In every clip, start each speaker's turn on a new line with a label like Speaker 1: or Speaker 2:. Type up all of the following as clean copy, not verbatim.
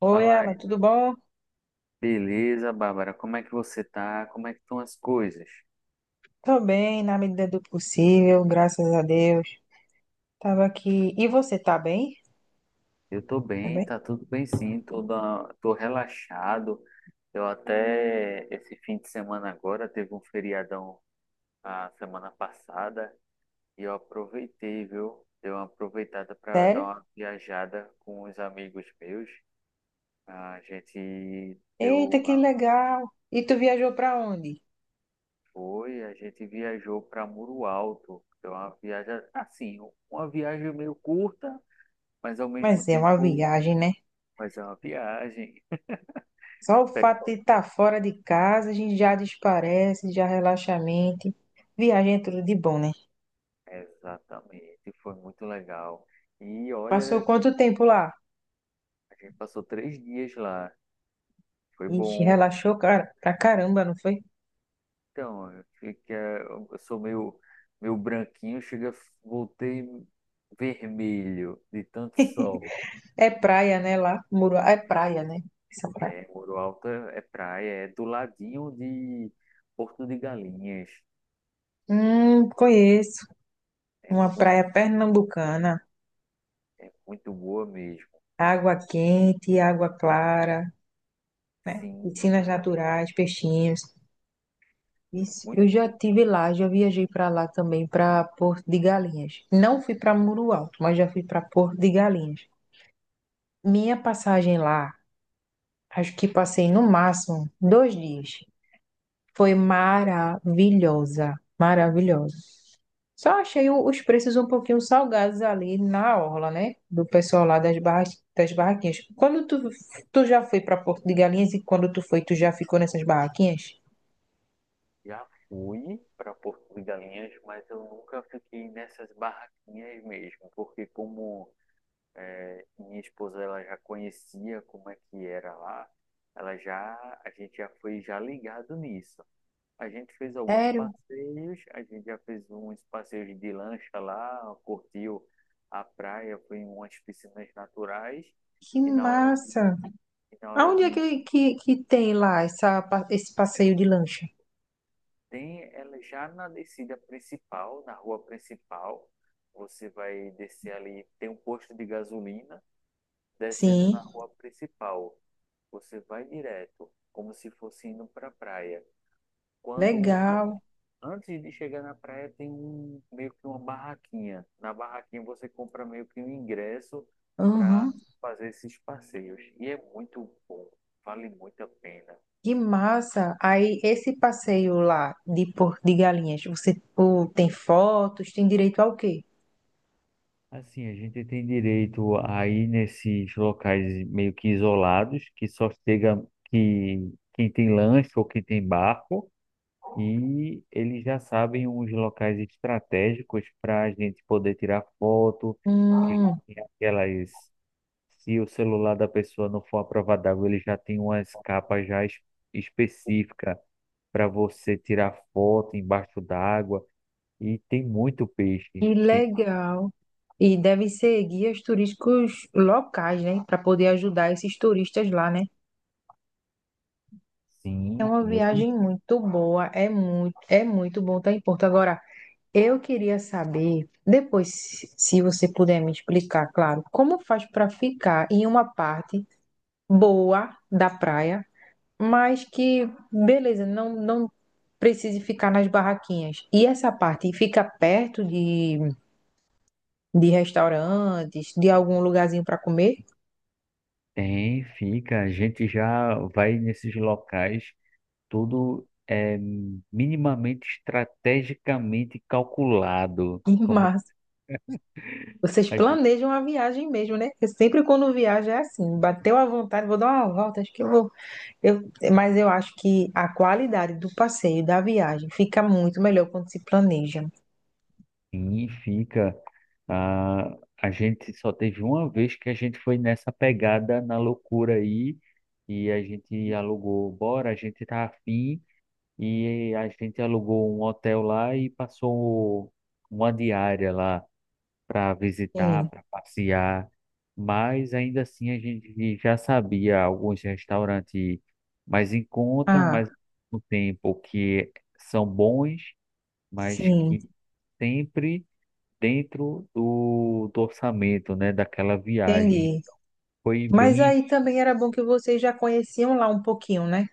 Speaker 1: Oi,
Speaker 2: Fala
Speaker 1: Ela,
Speaker 2: aí.
Speaker 1: tudo bom?
Speaker 2: Beleza, Bárbara, como é que você tá? Como é que estão as coisas?
Speaker 1: Tô bem, na medida do possível, graças a Deus. Tava aqui. E você tá bem?
Speaker 2: Eu tô
Speaker 1: Tá
Speaker 2: bem,
Speaker 1: bem?
Speaker 2: tá tudo bem sim, tô relaxado. Eu até, esse fim de semana agora, teve um feriadão a semana passada e eu aproveitei, viu? Dei uma aproveitada para dar
Speaker 1: Sério?
Speaker 2: uma viajada com os amigos meus. A gente
Speaker 1: Eita,
Speaker 2: deu,
Speaker 1: que legal! E tu viajou pra onde?
Speaker 2: a gente viajou para Muro Alto. Deu uma viagem, assim, uma viagem meio curta, mas ao mesmo
Speaker 1: Mas é uma
Speaker 2: tempo
Speaker 1: viagem, né?
Speaker 2: fazer uma viagem.
Speaker 1: Só o
Speaker 2: Pe-
Speaker 1: fato de estar fora de casa, a gente já desparece, já relaxa a mente. Viagem é tudo de bom, né?
Speaker 2: Exatamente, foi muito legal. E
Speaker 1: Passou
Speaker 2: olha,
Speaker 1: quanto tempo lá?
Speaker 2: a gente passou 3 dias lá, foi
Speaker 1: Ixi,
Speaker 2: bom.
Speaker 1: relaxou cara, pra caramba, não foi?
Speaker 2: Então, eu, fiquei, eu sou meio branquinho, chega, voltei vermelho de tanto sol.
Speaker 1: É praia, né? Lá, Muro, é praia, né? Essa praia.
Speaker 2: É, Muro Alto é praia, é do ladinho de Porto de Galinhas.
Speaker 1: Conheço.
Speaker 2: É
Speaker 1: Uma
Speaker 2: muito,
Speaker 1: praia pernambucana.
Speaker 2: é muito boa mesmo.
Speaker 1: Água quente, água clara,
Speaker 2: Sim,
Speaker 1: piscinas
Speaker 2: a água
Speaker 1: naturais, peixinhos.
Speaker 2: é
Speaker 1: Isso, eu
Speaker 2: muito
Speaker 1: já
Speaker 2: boa.
Speaker 1: tive lá, já viajei para lá também, para Porto de Galinhas. Não fui para Muro Alto, mas já fui para Porto de Galinhas. Minha passagem lá, acho que passei no máximo dois dias. Foi maravilhosa, maravilhosa. Só achei os preços um pouquinho salgados ali na orla, né? Do pessoal lá das barra, das barraquinhas. Quando tu, tu já foi para Porto de Galinhas e quando tu foi, tu já ficou nessas barraquinhas?
Speaker 2: Já fui para Porto de Galinhas, mas eu nunca fiquei nessas barraquinhas mesmo, porque como minha esposa ela já conhecia como é que era lá, ela já a gente já foi já ligado nisso. A gente fez alguns
Speaker 1: Sério?
Speaker 2: passeios, a gente já fez uns passeios de lancha lá, curtiu a praia, foi em umas piscinas naturais
Speaker 1: Que
Speaker 2: e na hora
Speaker 1: massa!
Speaker 2: e na hora
Speaker 1: Aonde é
Speaker 2: de
Speaker 1: que tem lá essa, esse passeio de lancha?
Speaker 2: Tem ela já na descida principal, na rua principal, você vai descer ali, tem um posto de gasolina, descendo
Speaker 1: Sim,
Speaker 2: na rua principal. Você vai direto, como se fosse indo para a praia. Quando an-
Speaker 1: legal.
Speaker 2: Antes de chegar na praia tem um meio que uma barraquinha. Na barraquinha você compra meio que um ingresso para
Speaker 1: Uhum.
Speaker 2: fazer esses passeios e é muito bom, vale muito a pena.
Speaker 1: Que massa! Aí, esse passeio lá de Porto de Galinhas, você pô, tem fotos, tem direito ao quê?
Speaker 2: Assim, a gente tem direito a ir nesses locais meio que isolados, que só chega que quem tem lanche ou quem tem barco, e eles já sabem uns locais estratégicos para a gente poder tirar foto. Ele
Speaker 1: Hum,
Speaker 2: tem aquelas, se o celular da pessoa não for à prova d'água, ele já tem umas capas já específicas para você tirar foto embaixo d'água. E tem muito peixe.
Speaker 1: Que
Speaker 2: Tem,
Speaker 1: legal. E devem ser guias turísticos locais, né? Para poder ajudar esses turistas lá, né? É
Speaker 2: sim,
Speaker 1: uma viagem
Speaker 2: muito.
Speaker 1: muito boa, é muito bom estar em Porto. Agora, eu queria saber, depois, se você puder me explicar, claro, como faz para ficar em uma parte boa da praia, mas que, beleza, não precise ficar nas barraquinhas. E essa parte fica perto de restaurantes, de algum lugarzinho para comer?
Speaker 2: Tem, fica. A gente já vai nesses locais, tudo é minimamente estrategicamente calculado. Como
Speaker 1: Mas vocês
Speaker 2: a gente...
Speaker 1: planejam a viagem mesmo, né? Porque sempre quando viaja é assim, bateu à vontade, vou dar uma volta, acho que eu vou. Eu, mas eu acho que a qualidade do passeio, da viagem, fica muito melhor quando se planeja.
Speaker 2: Sim, fica. Ah, a gente só teve uma vez que a gente foi nessa pegada na loucura aí e a gente alugou, bora, a gente tá afim e a gente alugou um hotel lá e passou uma diária lá. Para visitar,
Speaker 1: Sim.
Speaker 2: para passear, mas ainda assim a gente já sabia alguns restaurantes mais em conta,
Speaker 1: Ah,
Speaker 2: mas no tempo que são bons, mas
Speaker 1: sim,
Speaker 2: que sempre dentro do orçamento, né, daquela viagem.
Speaker 1: entendi.
Speaker 2: Foi
Speaker 1: Mas
Speaker 2: bem,
Speaker 1: aí também era bom que vocês já conheciam lá um pouquinho, né?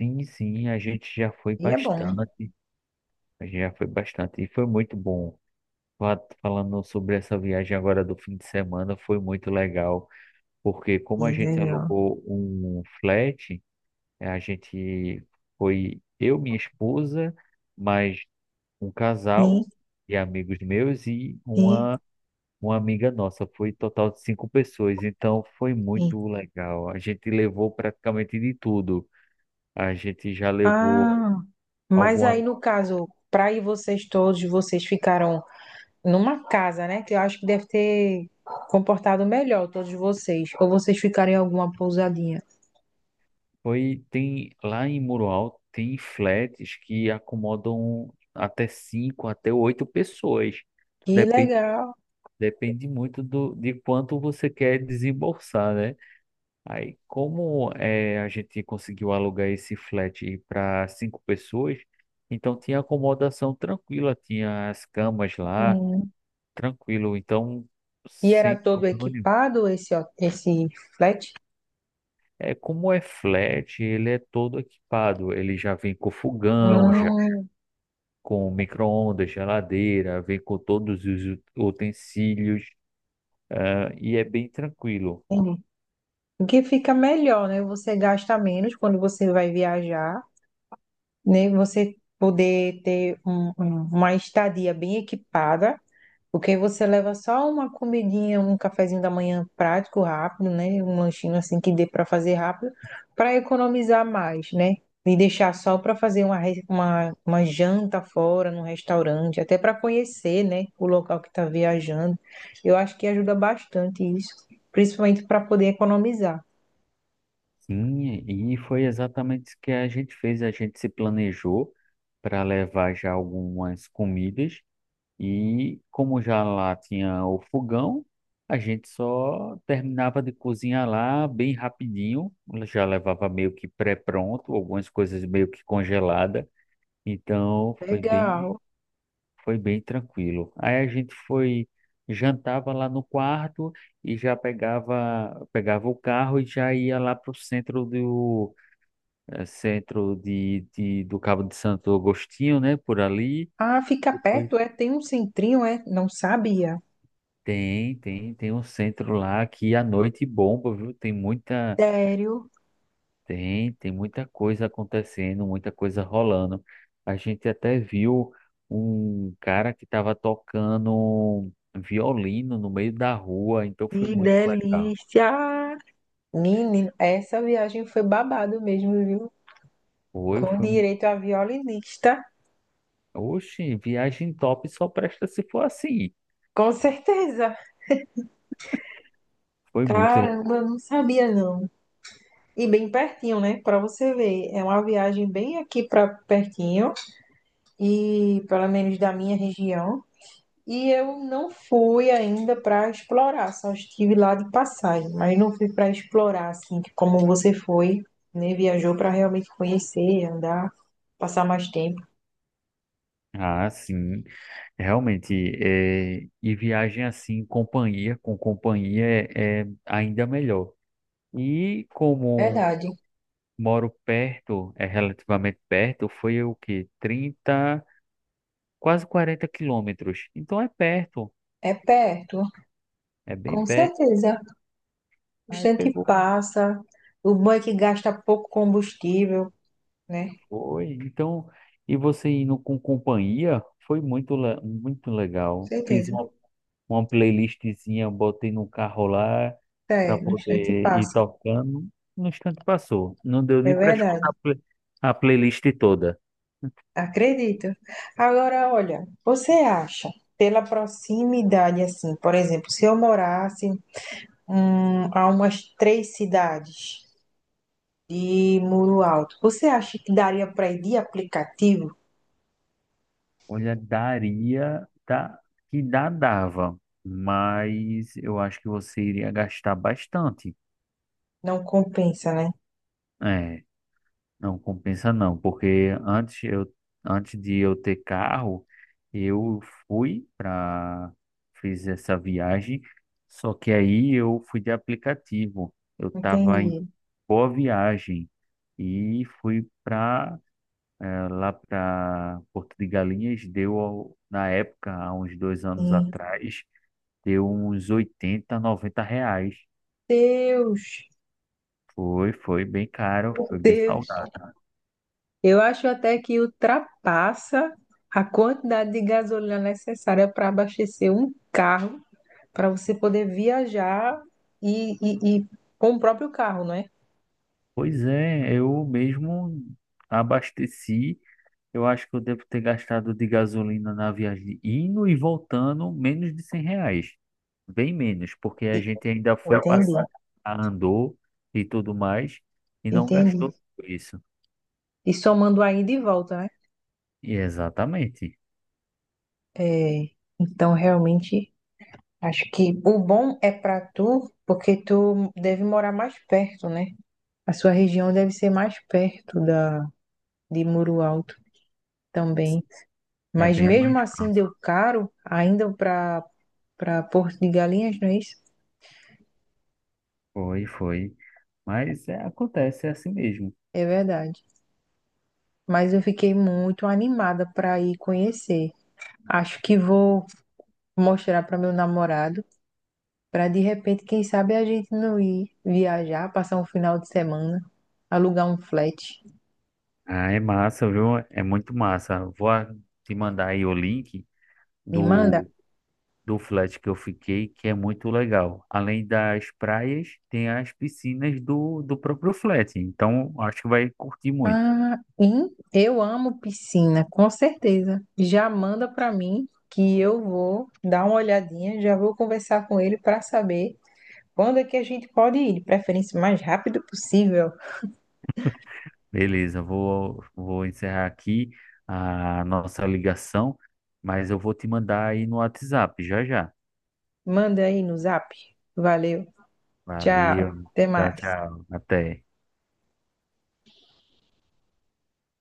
Speaker 2: sim, sim, a gente já foi
Speaker 1: E é bom.
Speaker 2: bastante, a gente já foi bastante e foi muito bom. Falando sobre essa viagem agora do fim de semana, foi muito legal. Porque
Speaker 1: E
Speaker 2: como a gente
Speaker 1: legal.
Speaker 2: alugou um flat, a gente foi eu, minha esposa, mais um
Speaker 1: Sim,
Speaker 2: casal e amigos meus e
Speaker 1: sim,
Speaker 2: uma amiga nossa. Foi total de cinco pessoas, então foi
Speaker 1: sim.
Speaker 2: muito legal. A gente levou praticamente de tudo. A gente já levou
Speaker 1: Ah, mas aí
Speaker 2: alguma.
Speaker 1: no caso, para ir vocês todos, vocês ficaram numa casa, né? Que eu acho que deve ter comportado melhor todos vocês. Ou vocês ficarem em alguma pousadinha.
Speaker 2: Foi, tem lá em Muro Alto, tem flats que acomodam até cinco, até oito pessoas.
Speaker 1: Que legal.
Speaker 2: Depende muito do, de quanto você quer desembolsar, né? Aí, como é, a gente conseguiu alugar esse flat para cinco pessoas, então tinha acomodação tranquila, tinha as camas lá,
Speaker 1: Hum.
Speaker 2: tranquilo, então
Speaker 1: E era
Speaker 2: sem
Speaker 1: todo
Speaker 2: problema nenhum.
Speaker 1: equipado esse flat?
Speaker 2: É, como é flat, ele é todo equipado, ele já vem com fogão, já
Speaker 1: Hum,
Speaker 2: com micro-ondas, geladeira, vem com todos os utensílios, ah, e é bem tranquilo.
Speaker 1: entendi. O que fica melhor, né? Você gasta menos quando você vai viajar, né? Você poder ter uma estadia bem equipada. Porque você leva só uma comidinha, um cafezinho da manhã prático, rápido, né? Um lanchinho assim que dê para fazer rápido, para economizar mais, né? E deixar só para fazer uma janta fora, num restaurante, até para conhecer, né? O local que está viajando. Eu acho que ajuda bastante isso, principalmente para poder economizar.
Speaker 2: Sim, e foi exatamente isso que a gente fez. A gente se planejou para levar já algumas comidas e como já lá tinha o fogão, a gente só terminava de cozinhar lá bem rapidinho. Já levava meio que pré-pronto, algumas coisas meio que congelada. Então foi bem,
Speaker 1: Legal.
Speaker 2: foi bem tranquilo. Aí a gente foi jantava lá no quarto e já pegava o carro e já ia lá para o centro do do Cabo de Santo Agostinho, né? Por ali.
Speaker 1: Ah, fica
Speaker 2: Depois
Speaker 1: perto, é? Tem um centrinho, é? Não sabia.
Speaker 2: tem um centro lá que à noite bomba, viu? Tem muita,
Speaker 1: Sério?
Speaker 2: tem, tem muita coisa acontecendo, muita coisa rolando. A gente até viu um cara que estava tocando violino no meio da rua, então foi
Speaker 1: Que
Speaker 2: muito legal.
Speaker 1: delícia! Menino, essa viagem foi babado mesmo, viu?
Speaker 2: Foi,
Speaker 1: Com
Speaker 2: foi,
Speaker 1: direito a violinista,
Speaker 2: oxe, viagem top só presta se for assim.
Speaker 1: com certeza.
Speaker 2: Foi muito...
Speaker 1: Caramba, eu não sabia não. E bem pertinho, né? Pra você ver, é uma viagem bem aqui pra pertinho e pelo menos da minha região. E eu não fui ainda pra explorar, só estive lá de passagem, mas não fui pra explorar assim, como você foi, né? Viajou pra realmente conhecer, andar, passar mais tempo.
Speaker 2: Ah, sim. Realmente, é, e viagem assim, com companhia é ainda melhor. E como
Speaker 1: Verdade.
Speaker 2: moro perto, é relativamente perto, foi o quê? 30, quase 40 km. Então é perto,
Speaker 1: É perto.
Speaker 2: é bem
Speaker 1: Com
Speaker 2: perto.
Speaker 1: certeza. O
Speaker 2: Aí
Speaker 1: instante
Speaker 2: pegou,
Speaker 1: passa. O bom é que gasta pouco combustível, né?
Speaker 2: foi. Então, e você indo com companhia, foi muito, muito
Speaker 1: Com
Speaker 2: legal. Fiz
Speaker 1: certeza.
Speaker 2: uma playlistzinha, eu botei no carro lá para
Speaker 1: É, no instante
Speaker 2: poder ir
Speaker 1: passa.
Speaker 2: tocando. No instante passou. Não deu
Speaker 1: É
Speaker 2: nem para escutar a
Speaker 1: verdade.
Speaker 2: play- a playlist toda.
Speaker 1: Acredito. Agora, olha, você acha, pela proximidade, assim, por exemplo, se eu morasse a umas três cidades de Muro Alto, você acha que daria para ir de aplicativo?
Speaker 2: Olha, daria, tá, que dá, dava, mas eu acho que você iria gastar bastante.
Speaker 1: Não compensa, né?
Speaker 2: É, não compensa não, porque antes de eu ter carro, eu fui para, fiz essa viagem, só que aí eu fui de aplicativo. Eu estava
Speaker 1: Entendi.
Speaker 2: boa viagem e fui para lá para Porto de Galinhas, deu na época, há uns 2 anos
Speaker 1: Hum,
Speaker 2: atrás, deu uns 80 R$ 90.
Speaker 1: Deus,
Speaker 2: Foi bem caro, foi bem
Speaker 1: Deus.
Speaker 2: salgado.
Speaker 1: Eu acho até que ultrapassa a quantidade de gasolina necessária para abastecer um carro, para você poder viajar e com o próprio carro, não é?
Speaker 2: Pois é, eu mesmo abasteci. Eu acho que eu devo ter gastado de gasolina na viagem indo e voltando menos de R$ 100. Bem menos, porque a
Speaker 1: E-
Speaker 2: gente ainda
Speaker 1: Já
Speaker 2: foi
Speaker 1: entendi,
Speaker 2: passear, andou e tudo mais e não
Speaker 1: entendi.
Speaker 2: gastou tudo isso.
Speaker 1: E somando aí de volta, né?
Speaker 2: E exatamente.
Speaker 1: É, então, realmente, acho que o bom é para tu, porque tu deve morar mais perto, né? A sua região deve ser mais perto da, de Muro Alto também.
Speaker 2: É
Speaker 1: Mas
Speaker 2: bem mais
Speaker 1: mesmo assim
Speaker 2: próximo.
Speaker 1: deu caro, ainda para Porto de Galinhas, não é isso?
Speaker 2: Foi, foi. Mas é, acontece, é assim mesmo.
Speaker 1: É verdade. Mas eu fiquei muito animada para ir conhecer. Acho que vou mostrar para meu namorado, para de repente, quem sabe a gente não ir viajar, passar um final de semana, alugar um flat.
Speaker 2: Ah, é massa, viu? É muito massa. Vou te mandar aí o link
Speaker 1: Me manda.
Speaker 2: do do flat que eu fiquei, que é muito legal. Além das praias, tem as piscinas do próprio flat. Então, acho que vai curtir muito.
Speaker 1: Ah, eu amo piscina, com certeza. Já manda para mim que eu vou dar uma olhadinha, já vou conversar com ele para saber quando é que a gente pode ir, de preferência o mais rápido possível.
Speaker 2: Beleza, vou encerrar aqui a nossa ligação, mas eu vou te mandar aí no WhatsApp já já.
Speaker 1: Manda aí no zap. Valeu. Tchau.
Speaker 2: Valeu,
Speaker 1: Até
Speaker 2: tchau,
Speaker 1: mais.
Speaker 2: tchau, até.